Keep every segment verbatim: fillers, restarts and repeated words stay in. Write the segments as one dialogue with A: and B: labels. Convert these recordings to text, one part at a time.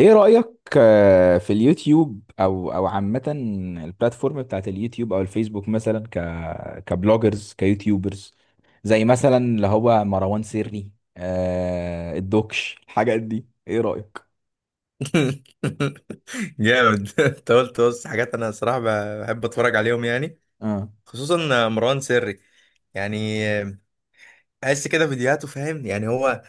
A: ايه رأيك؟ آه، في اليوتيوب او او عامة البلاتفورم بتاعت اليوتيوب او الفيسبوك مثلا ك كبلوجرز كيوتيوبرز، زي مثلا اللي هو مروان سري. آه الدوكش الحاجات دي، ايه رأيك؟
B: جامد انت قلت بص حاجات، انا صراحة بحب اتفرج عليهم يعني،
A: اه.
B: خصوصا مروان سري. يعني بحس كده فيديوهاته فاهم يعني، هو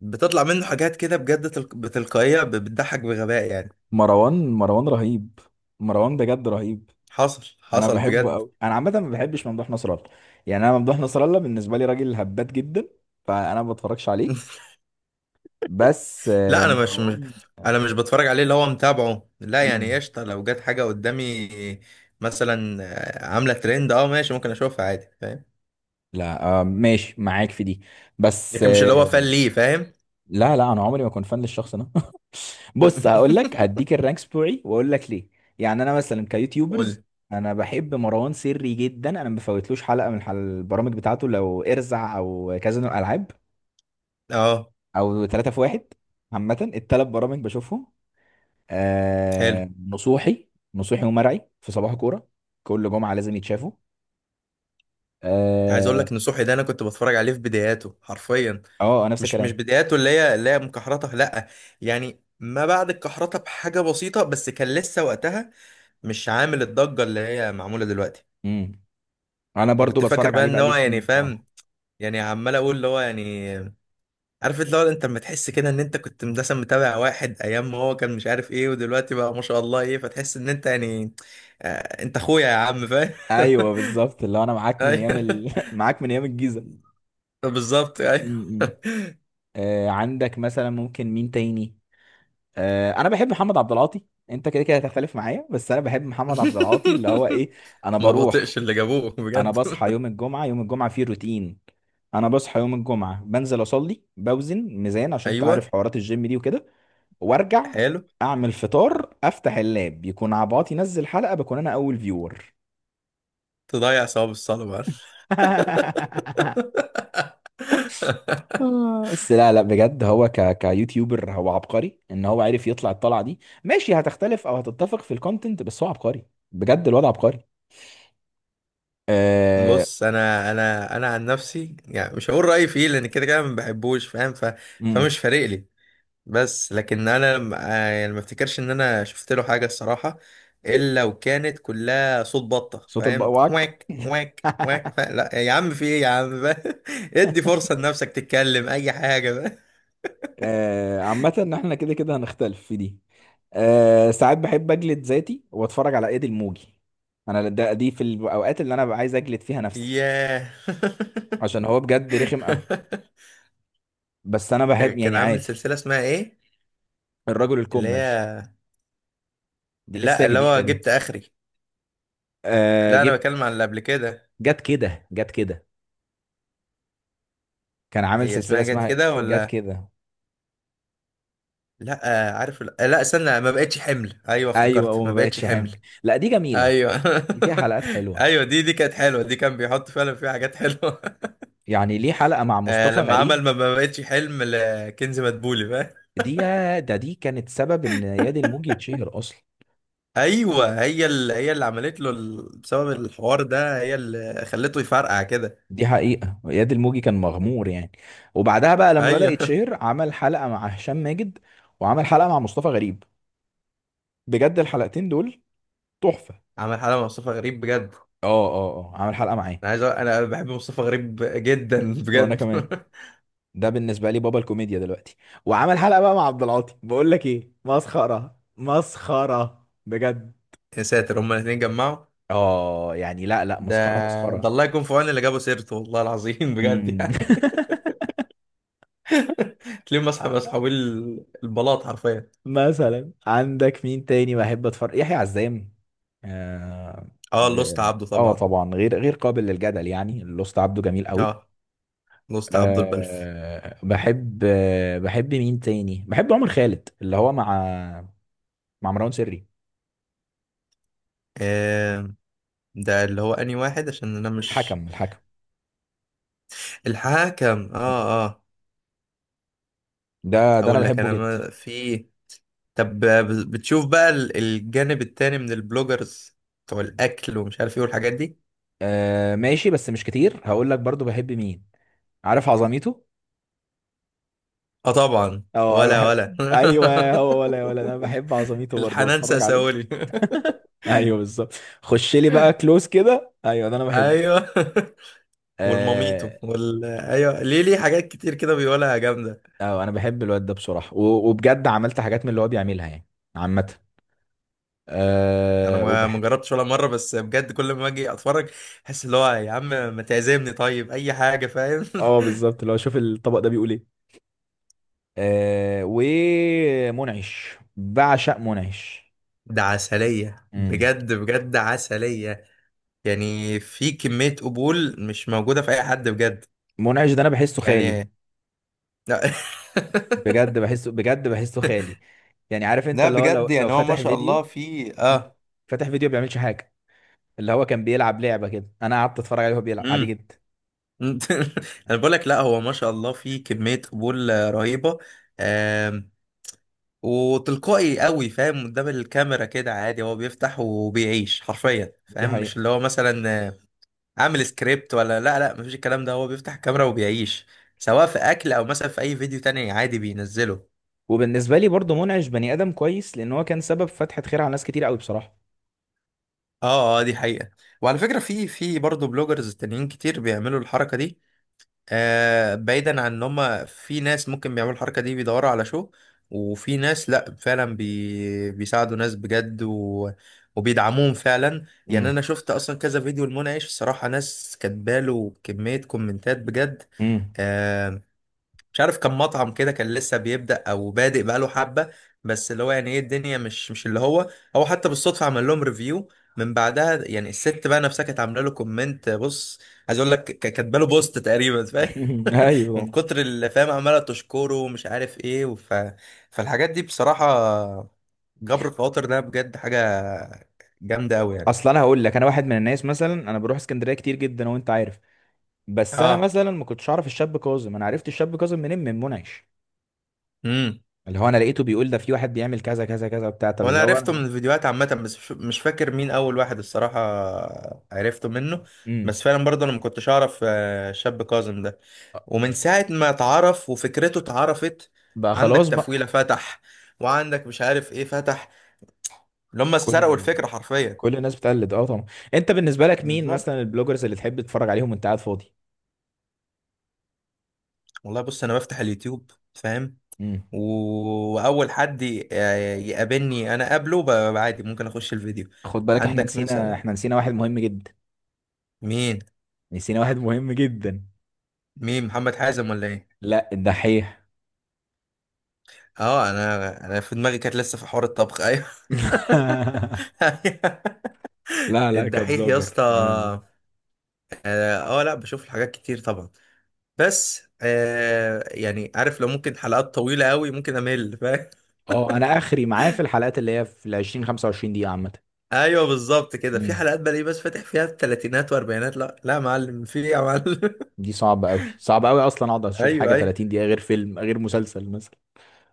B: بتطلع منه حاجات كده بجد تلق... بتلقائية، ب- بتضحك بغباء يعني.
A: مروان مروان رهيب. مروان بجد رهيب.
B: حصل
A: انا
B: حصل
A: بحبه
B: بجد.
A: قوي. انا عامة ما بحبش ممدوح نصر الله، يعني انا ممدوح نصر الله بالنسبة لي راجل هبات جدا، فانا ما بتفرجش عليه. بس آه
B: لا، انا مش مش،
A: مروان.
B: انا مش بتفرج عليه اللي هو متابعه لا، يعني
A: مم.
B: قشطة لو جت حاجة قدامي، مثلا آه، عاملة ترند، اه ماشي، ممكن اشوفها عادي فاهم.
A: لا آه ماشي معاك في دي. بس
B: لكن مش
A: آه.
B: اللي هو فان ليه فاهم.
A: لا لا انا عمري ما كنت فان للشخص ده. بص هقول لك هديك الرانكس بتوعي واقول لك ليه. يعني انا مثلا كيوتيوبرز،
B: قول.
A: انا بحب مروان سري جدا. انا ما بفوتلوش حلقه من حل- البرامج بتاعته، لو ارزع او كازينو الالعاب
B: اه.
A: او ثلاثة في واحد. عامه الثلاث برامج بشوفهم.
B: حلو.
A: آه نصوحي. نصوحي ومرعي في صباح كوره، كل جمعه لازم يتشافوا.
B: عايز اقول
A: اه.
B: لك ان صحي ده، انا كنت بتفرج عليه في بداياته حرفيا.
A: آه، نفس
B: مش مش
A: الكلام.
B: بداياته اللي هي اللي هي مكحرته لا، يعني ما بعد الكحرته بحاجه بسيطه، بس كان لسه وقتها مش عامل الضجه اللي هي معموله دلوقتي.
A: امم. انا برضو
B: وكنت فاكر
A: بتفرج
B: بقى
A: عليه
B: ان
A: بقالي
B: هو يعني
A: سنين بصراحه.
B: فاهم، يعني عمال اقول اللي هو يعني، عارف اللي هو انت لما تحس كده ان انت كنت مثلا متابع واحد ايام ما هو كان مش عارف ايه، ودلوقتي بقى ما شاء الله ايه، فتحس ان انت يعني آه، انت اخويا يا عم فاهم.
A: ايوه بالظبط، اللي هو انا معاك من ايام
B: ايوه،
A: ال... معاك من ايام الجيزه.
B: بالظبط ايوه.
A: امم. آه عندك مثلا ممكن مين تاني؟ آه انا بحب محمد عبد العاطي، انت كده كده هتختلف معايا، بس انا بحب محمد عبد العاطي، اللي هو ايه. انا
B: ما
A: بروح،
B: بطيقش اللي جابوه
A: انا
B: بجد.
A: بصحى يوم الجمعه، يوم الجمعه فيه روتين. انا بصحى يوم الجمعه، بنزل اصلي، بوزن ميزان عشان انت عارف
B: ايوه،
A: حوارات الجيم دي وكده، وارجع
B: حلو.
A: اعمل فطار، افتح اللاب يكون عباطي نزل حلقه، بكون انا اول فيور.
B: تضيع ثواب الصلاه بقى.
A: آه، بس لا لا بجد هو ك كيوتيوبر، هو عبقري ان هو عرف يطلع الطلعه دي. ماشي هتختلف او هتتفق في الكونتنت، بس هو عبقري، بجد الواد عبقري. آه.
B: بص انا انا انا عن نفسي يعني، مش هقول رايي فيه، لان كده كده ما بحبوش فاهم ف...
A: امم.
B: فمش فارق لي. بس لكن انا م- آه، يعني ما افتكرش ان انا شفت له حاجه الصراحه الا وكانت كلها صوت بطه
A: صوت
B: فاهم،
A: البقواك.
B: واك واك واك ف... لا يا عم في ايه يا عم بقى. ادي فرصه لنفسك تتكلم اي حاجه بقى.
A: آه عامه ان احنا كده كده هنختلف في دي. آه ساعات بحب اجلد ذاتي واتفرج على ايد الموجي، انا ده دي في الاوقات اللي انا ببقى عايز اجلد فيها نفسي،
B: ياه.
A: عشان هو بجد رخم قوي. بس انا بحب
B: كان
A: يعني
B: عامل
A: عادي.
B: سلسلة اسمها ايه؟
A: الرجل
B: اللي
A: الكمل
B: هي.
A: دي لسه
B: لا، اللي هو
A: جديده دي.
B: جبت اخري.
A: آه
B: لا، انا
A: جبت.
B: بتكلم عن اللي قبل كده.
A: جت كده جت كده كان عامل
B: هي
A: سلسلة
B: اسمها جت
A: اسمها
B: كده
A: جت
B: ولا؟
A: كده.
B: لا آه، عارف ال- آه، لا استنى، ما بقتش حمل، ايوه
A: ايوه
B: افتكرت ما
A: وما
B: بقتش
A: بقتش
B: حمل.
A: حمل، لا دي جميلة،
B: ايوه.
A: دي فيها حلقات حلوة،
B: ايوه دي دي كانت حلوه، دي كان بيحط فعلا فيها حاجات حلوه.
A: يعني ليه حلقة مع
B: آه،
A: مصطفى
B: لما
A: غريب.
B: عمل ما ما بقتش حلم لكنز مدبولي فاهم.
A: دي ده دي كانت سبب ان ياد الموجي يتشهر اصلا.
B: ايوه هي اللي هي اللي عملت له ال- بسبب الحوار ده هي اللي خلته يفرقع كده.
A: دي حقيقة ياد الموجي كان مغمور يعني. وبعدها بقى لما بدأ
B: ايوه.
A: يتشهر عمل حلقة مع هشام ماجد، وعمل حلقة مع مصطفى غريب، بجد الحلقتين دول تحفة.
B: عمل حاله مع مصطفى غريب بجد.
A: اه اه اه عمل حلقة معاه.
B: انا عايز أقول... انا بحب مصطفى غريب جدا
A: وانا
B: بجد.
A: كمان، ده بالنسبه لي بابا الكوميديا دلوقتي. وعمل حلقه بقى مع عبد العاطي، بقول لك ايه، مسخره مسخره بجد.
B: يا ساتر هما الاثنين جمعوا.
A: اه يعني لا لا
B: ده
A: مسخره
B: ده
A: مسخره.
B: الله يكون في عون اللي جابوا سيرته، والله العظيم بجد
A: امم.
B: يعني. تلاقيهم مسح مسحوبين ال- البلاط حرفيا.
A: مثلا عندك مين تاني بحب اتفرج؟ يحيى عزام. اه.
B: اه لوست عبده
A: آه
B: طبعا.
A: طبعا، غير غير قابل للجدل يعني، الأسطى عبده جميل قوي.
B: اه لوست عبده البلف.
A: أه بحب، آه، بحب مين تاني؟ بحب عمر خالد اللي هو مع مع مروان سري.
B: آه ده اللي هو انهي واحد عشان انا مش.
A: الحكم الحكم،
B: الحاكم، اه اه.
A: ده ده انا
B: هقول لك
A: بحبه
B: انا
A: جدا.
B: ما في. طب بتشوف بقى ال- الجانب التاني من البلوجرز، بتوع الاكل ومش عارف ايه والحاجات دي.
A: آه ماشي. بس مش كتير، هقول لك برضو بحب مين. عارف عظميته.
B: اه طبعا.
A: اه انا
B: ولا
A: بحب.
B: ولا.
A: ايوه هو ولا ولا، انا بحب عظميته برضو
B: الحنان
A: بتفرج عليه.
B: ساسولي.
A: ايوه بالظبط، خش لي بقى كلوز كده، ايوه ده انا بحبه.
B: ايوه.
A: اه.
B: والماميتو وال ايوه، ليه، ليه حاجات كتير كده بيقولها جامده.
A: اه انا بحب الواد ده بصراحه، و- وبجد عملت حاجات من اللي هو بيعملها يعني. عامه.
B: انا
A: اه
B: ما
A: وبح.
B: ما جربتش ولا مره، بس بجد كل ما اجي اتفرج احس اللي هو يا عم ما تعزمني طيب اي حاجه فاهم.
A: اه بالظبط، اللي هو شوف الطبق ده بيقول ايه. آه. ومنعش، بعشق منعش.
B: ده عسليه
A: امم.
B: بجد بجد عسليه، يعني في كميه قبول مش موجوده في اي حد بجد،
A: منعش ده انا بحسه خالي،
B: يعني لا.
A: بجد بحسه، بجد بحسه خالي. يعني عارف انت،
B: لا
A: اللي هو لو
B: بجد
A: لو
B: يعني هو ما
A: فاتح
B: شاء الله
A: فيديو.
B: في
A: مم.
B: اه.
A: فاتح فيديو بيعملش حاجه. اللي هو كان بيلعب لعبه كده، انا قعدت اتفرج عليه وهو بيلعب عادي
B: امم.
A: جدا.
B: انا بقول لك، لا هو ما شاء الله في كميه قبول آه، رهيبه، آم، وتلقائي قوي فاهم قدام الكاميرا كده عادي، هو بيفتح وبيعيش حرفيا
A: دي
B: فاهم، مش
A: حقيقه.
B: اللي هو مثلا آه، عامل سكريبت ولا، لا لا مفيش الكلام ده، هو بيفتح الكاميرا وبيعيش سواء في اكل او مثلا في اي فيديو تاني عادي بينزله.
A: وبالنسبه لي برضه منعش بني ادم كويس، لان هو كان سبب فتحه خير على ناس كتير قوي بصراحه.
B: اه اه دي حقيقه. وعلى فكره في في برضه بلوجرز تانيين كتير بيعملوا الحركه دي، آه بعيدا عن ان هم في ناس ممكن بيعملوا الحركه دي بيدوروا على شو، وفي ناس لا فعلا بي بيساعدوا ناس بجد و... وبيدعموهم فعلا، يعني
A: امم.
B: انا شفت اصلا كذا فيديو لمنعش الصراحه، ناس كاتباله كميه كومنتات بجد.
A: امم.
B: آه مش عارف كان مطعم كده كان لسه بيبدأ او بادئ بقاله حبه، بس اللي هو يعني ايه، الدنيا مش مش اللي هو، هو حتى بالصدفه عمل لهم ريفيو، من بعدها يعني الست بقى نفسها كانت عامله له كومنت بص، عايز اقول لك ك- كاتبه له بوست تقريبا من
A: ايوه.
B: كتر اللي فاهم عماله تشكره ومش عارف ايه وف... فالحاجات دي بصراحه جبر الخواطر ده بجد حاجه جامده قوي يعني.
A: اصل انا هقول لك، انا واحد من الناس مثلا، انا بروح اسكندريه كتير جدا وانت عارف، بس انا
B: اه.
A: مثلا ما كنتش اعرف الشاب كاظم. انا عرفت الشاب كاظم منين؟ من منعش.
B: امم.
A: اللي هو انا لقيته بيقول ده في واحد بيعمل كذا كذا كذا بتاع، طب
B: وانا
A: اللي هو
B: عرفته من
A: انا.
B: الفيديوهات عامه، بس مش مش فاكر مين اول واحد الصراحه عرفته منه، بس فعلا برضه انا ما كنتش اعرف آه، شاب كاظم ده.
A: امم.
B: ومن ساعه ما اتعرف وفكرته اتعرفت.
A: بقى
B: عندك
A: خلاص بقى.
B: تفويله فتح، وعندك مش عارف ايه فتح، اللي هم سرقوا
A: كل
B: الفكره حرفيا.
A: كل الناس بتقلد، اه طبعا. انت بالنسبه لك مين
B: بالظبط.
A: مثلا البلوجرز اللي تحب تتفرج عليهم وانت قاعد فاضي؟
B: والله بص انا بفتح اليوتيوب فاهم،
A: امم.
B: و- واول حد ي- آه، يقابلني انا قابله ب- عادي ممكن اخش الفيديو.
A: خد بالك احنا
B: عندك
A: نسينا،
B: مثلا
A: احنا نسينا واحد مهم جدا،
B: مين.
A: نسينا واحد مهم جدا.
B: مين محمد حازم ولا ايه.
A: لا، الدحيح.
B: اه انا انا في دماغي كانت لسه في حوار الطبخ ايوه.
A: لا لا
B: الدحيح يا
A: كبلوجر
B: اسطى
A: اه.
B: اه. آه، لا بشوف الحاجات كتير طبعا، بس آه يعني عارف لو ممكن حلقات طويلة قوي ممكن امل فاهم.
A: آه، انا اخري معاه في الحلقات اللي هي في ال عشرين خمسة وعشرين دقيقه عامه.
B: ايوه بالظبط كده في
A: امم.
B: حلقات بلاقيه بس فاتح فيها الثلاثينات واربعينات، لا لا يا معلم في ايه يا معلم.
A: دي صعبه قوي، صعبه قوي اصلا اقعد اشوف حاجه
B: ايوه ايوه
A: ثلاثين دقيقه، غير فيلم غير مسلسل مثلا.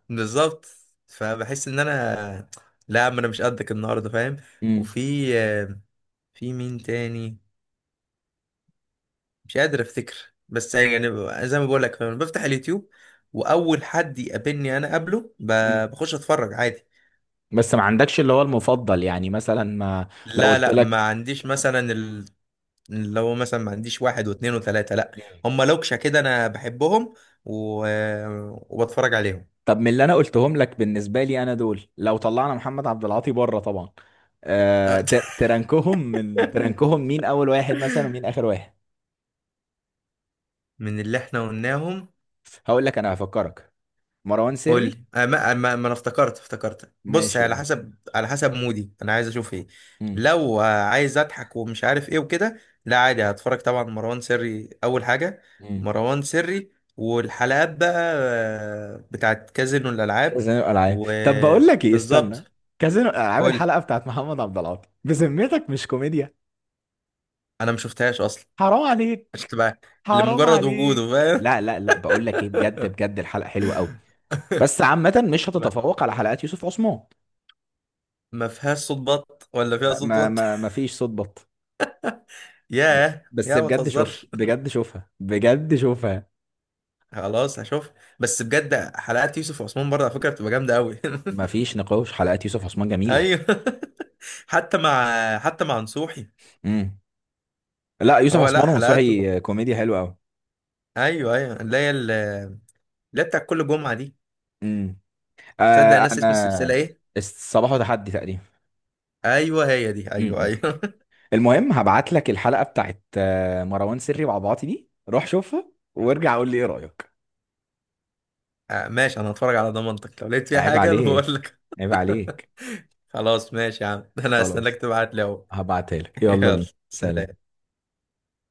B: بالظبط. فبحس ان انا، لا ما انا مش قدك النهارده فاهم.
A: امم.
B: وفي، في مين تاني مش قادر افتكر، بس يعني ب- زي ما بقول لك انا بفتح اليوتيوب واول حد يقابلني انا قبله ب- بخش اتفرج عادي.
A: بس ما عندكش اللي هو المفضل، يعني مثلا ما، لو
B: لا
A: قلت
B: لا ما
A: لك.
B: عنديش مثلا ال- اللي هو مثلا ما عنديش واحد واثنين وثلاثه لا.
A: مم.
B: هم لوكشه كده انا بحبهم و... وبتفرج عليهم.
A: طب من اللي انا قلتهم لك بالنسبه لي انا دول، لو طلعنا محمد عبد العاطي بره طبعا، آه تر- ترنكهم من، ترنكهم، مين اول واحد مثلا ومين اخر واحد؟
B: من اللي احنا قلناهم.
A: هقول لك انا هفكرك، مروان
B: قول
A: سري.
B: لي آه، ما آه، ما ما انا افتكرت افتكرت بص،
A: ماشي
B: هي على
A: قول.
B: حسب على حسب مودي انا عايز اشوف ايه.
A: امم.
B: لو آه، عايز اضحك ومش عارف ايه وكده، لا عادي هتفرج طبعا، مروان سري اول حاجه،
A: مم.
B: مروان سري والحلقات بقى آه، بتاعت كازينو الالعاب
A: كازينو الالعاب. طب بقول لك ايه، استنى،
B: وبالظبط.
A: كازينو الالعاب
B: قول لي.
A: الحلقه بتاعت محمد عبد العاطي بذمتك مش كوميديا؟
B: انا ما شفتهاش اصلا.
A: حرام
B: مش
A: عليك،
B: تبقى.
A: حرام
B: لمجرد وجوده
A: عليك.
B: فاهم.
A: لا لا لا بقول لك ايه، بجد بجد الحلقه حلوه قوي، بس عامه مش
B: ما
A: هتتفوق على حلقات يوسف عثمان.
B: ما فيهاش صوت بط، ولا فيها
A: ما
B: صوت
A: ما
B: بط.
A: ما ما فيش صوت بط. ب-،
B: ياه
A: بس
B: يا ما
A: بجد شوفها،
B: تهزرش.
A: بجد شوفها، بجد شوفها.
B: خلاص هشوف. بس بجد حلقات يوسف وعثمان برضه على فكرة بتبقى جامدة قوي.
A: ما فيش نقاش، حلقات يوسف عثمان جميلة.
B: ايوه. حتى مع حتى مع نصوحي.
A: امم. لا يوسف
B: هو لا
A: عثمان
B: حلقاته.
A: ومنصوحي كوميديا حلوة قوي.
B: ايوه ايوه اللي هي ال- اللي هي بتاع كل جمعة دي.
A: امم.
B: تصدق
A: آه
B: الناس اسم
A: انا.
B: السلسلة ايه؟
A: الصباح وتحدي تقريبا.
B: ايوه هي دي ايوه
A: امم.
B: ايوه.
A: المهم هبعت لك الحلقة بتاعت آه، مروان سري وعبعاطي دي، روح شوفها وارجع قول لي ايه رأيك.
B: آه، ماشي انا هتفرج على ضمانتك، لو لقيت فيها
A: عيب
B: حاجة انا
A: عليك،
B: بقول لك.
A: عيب عليك.
B: خلاص ماشي يا عم. انا هستناك
A: خلاص،
B: تبعت لي اهو.
A: هبعتها لك، يلا
B: يلا.
A: بينا. سلام.
B: سلام.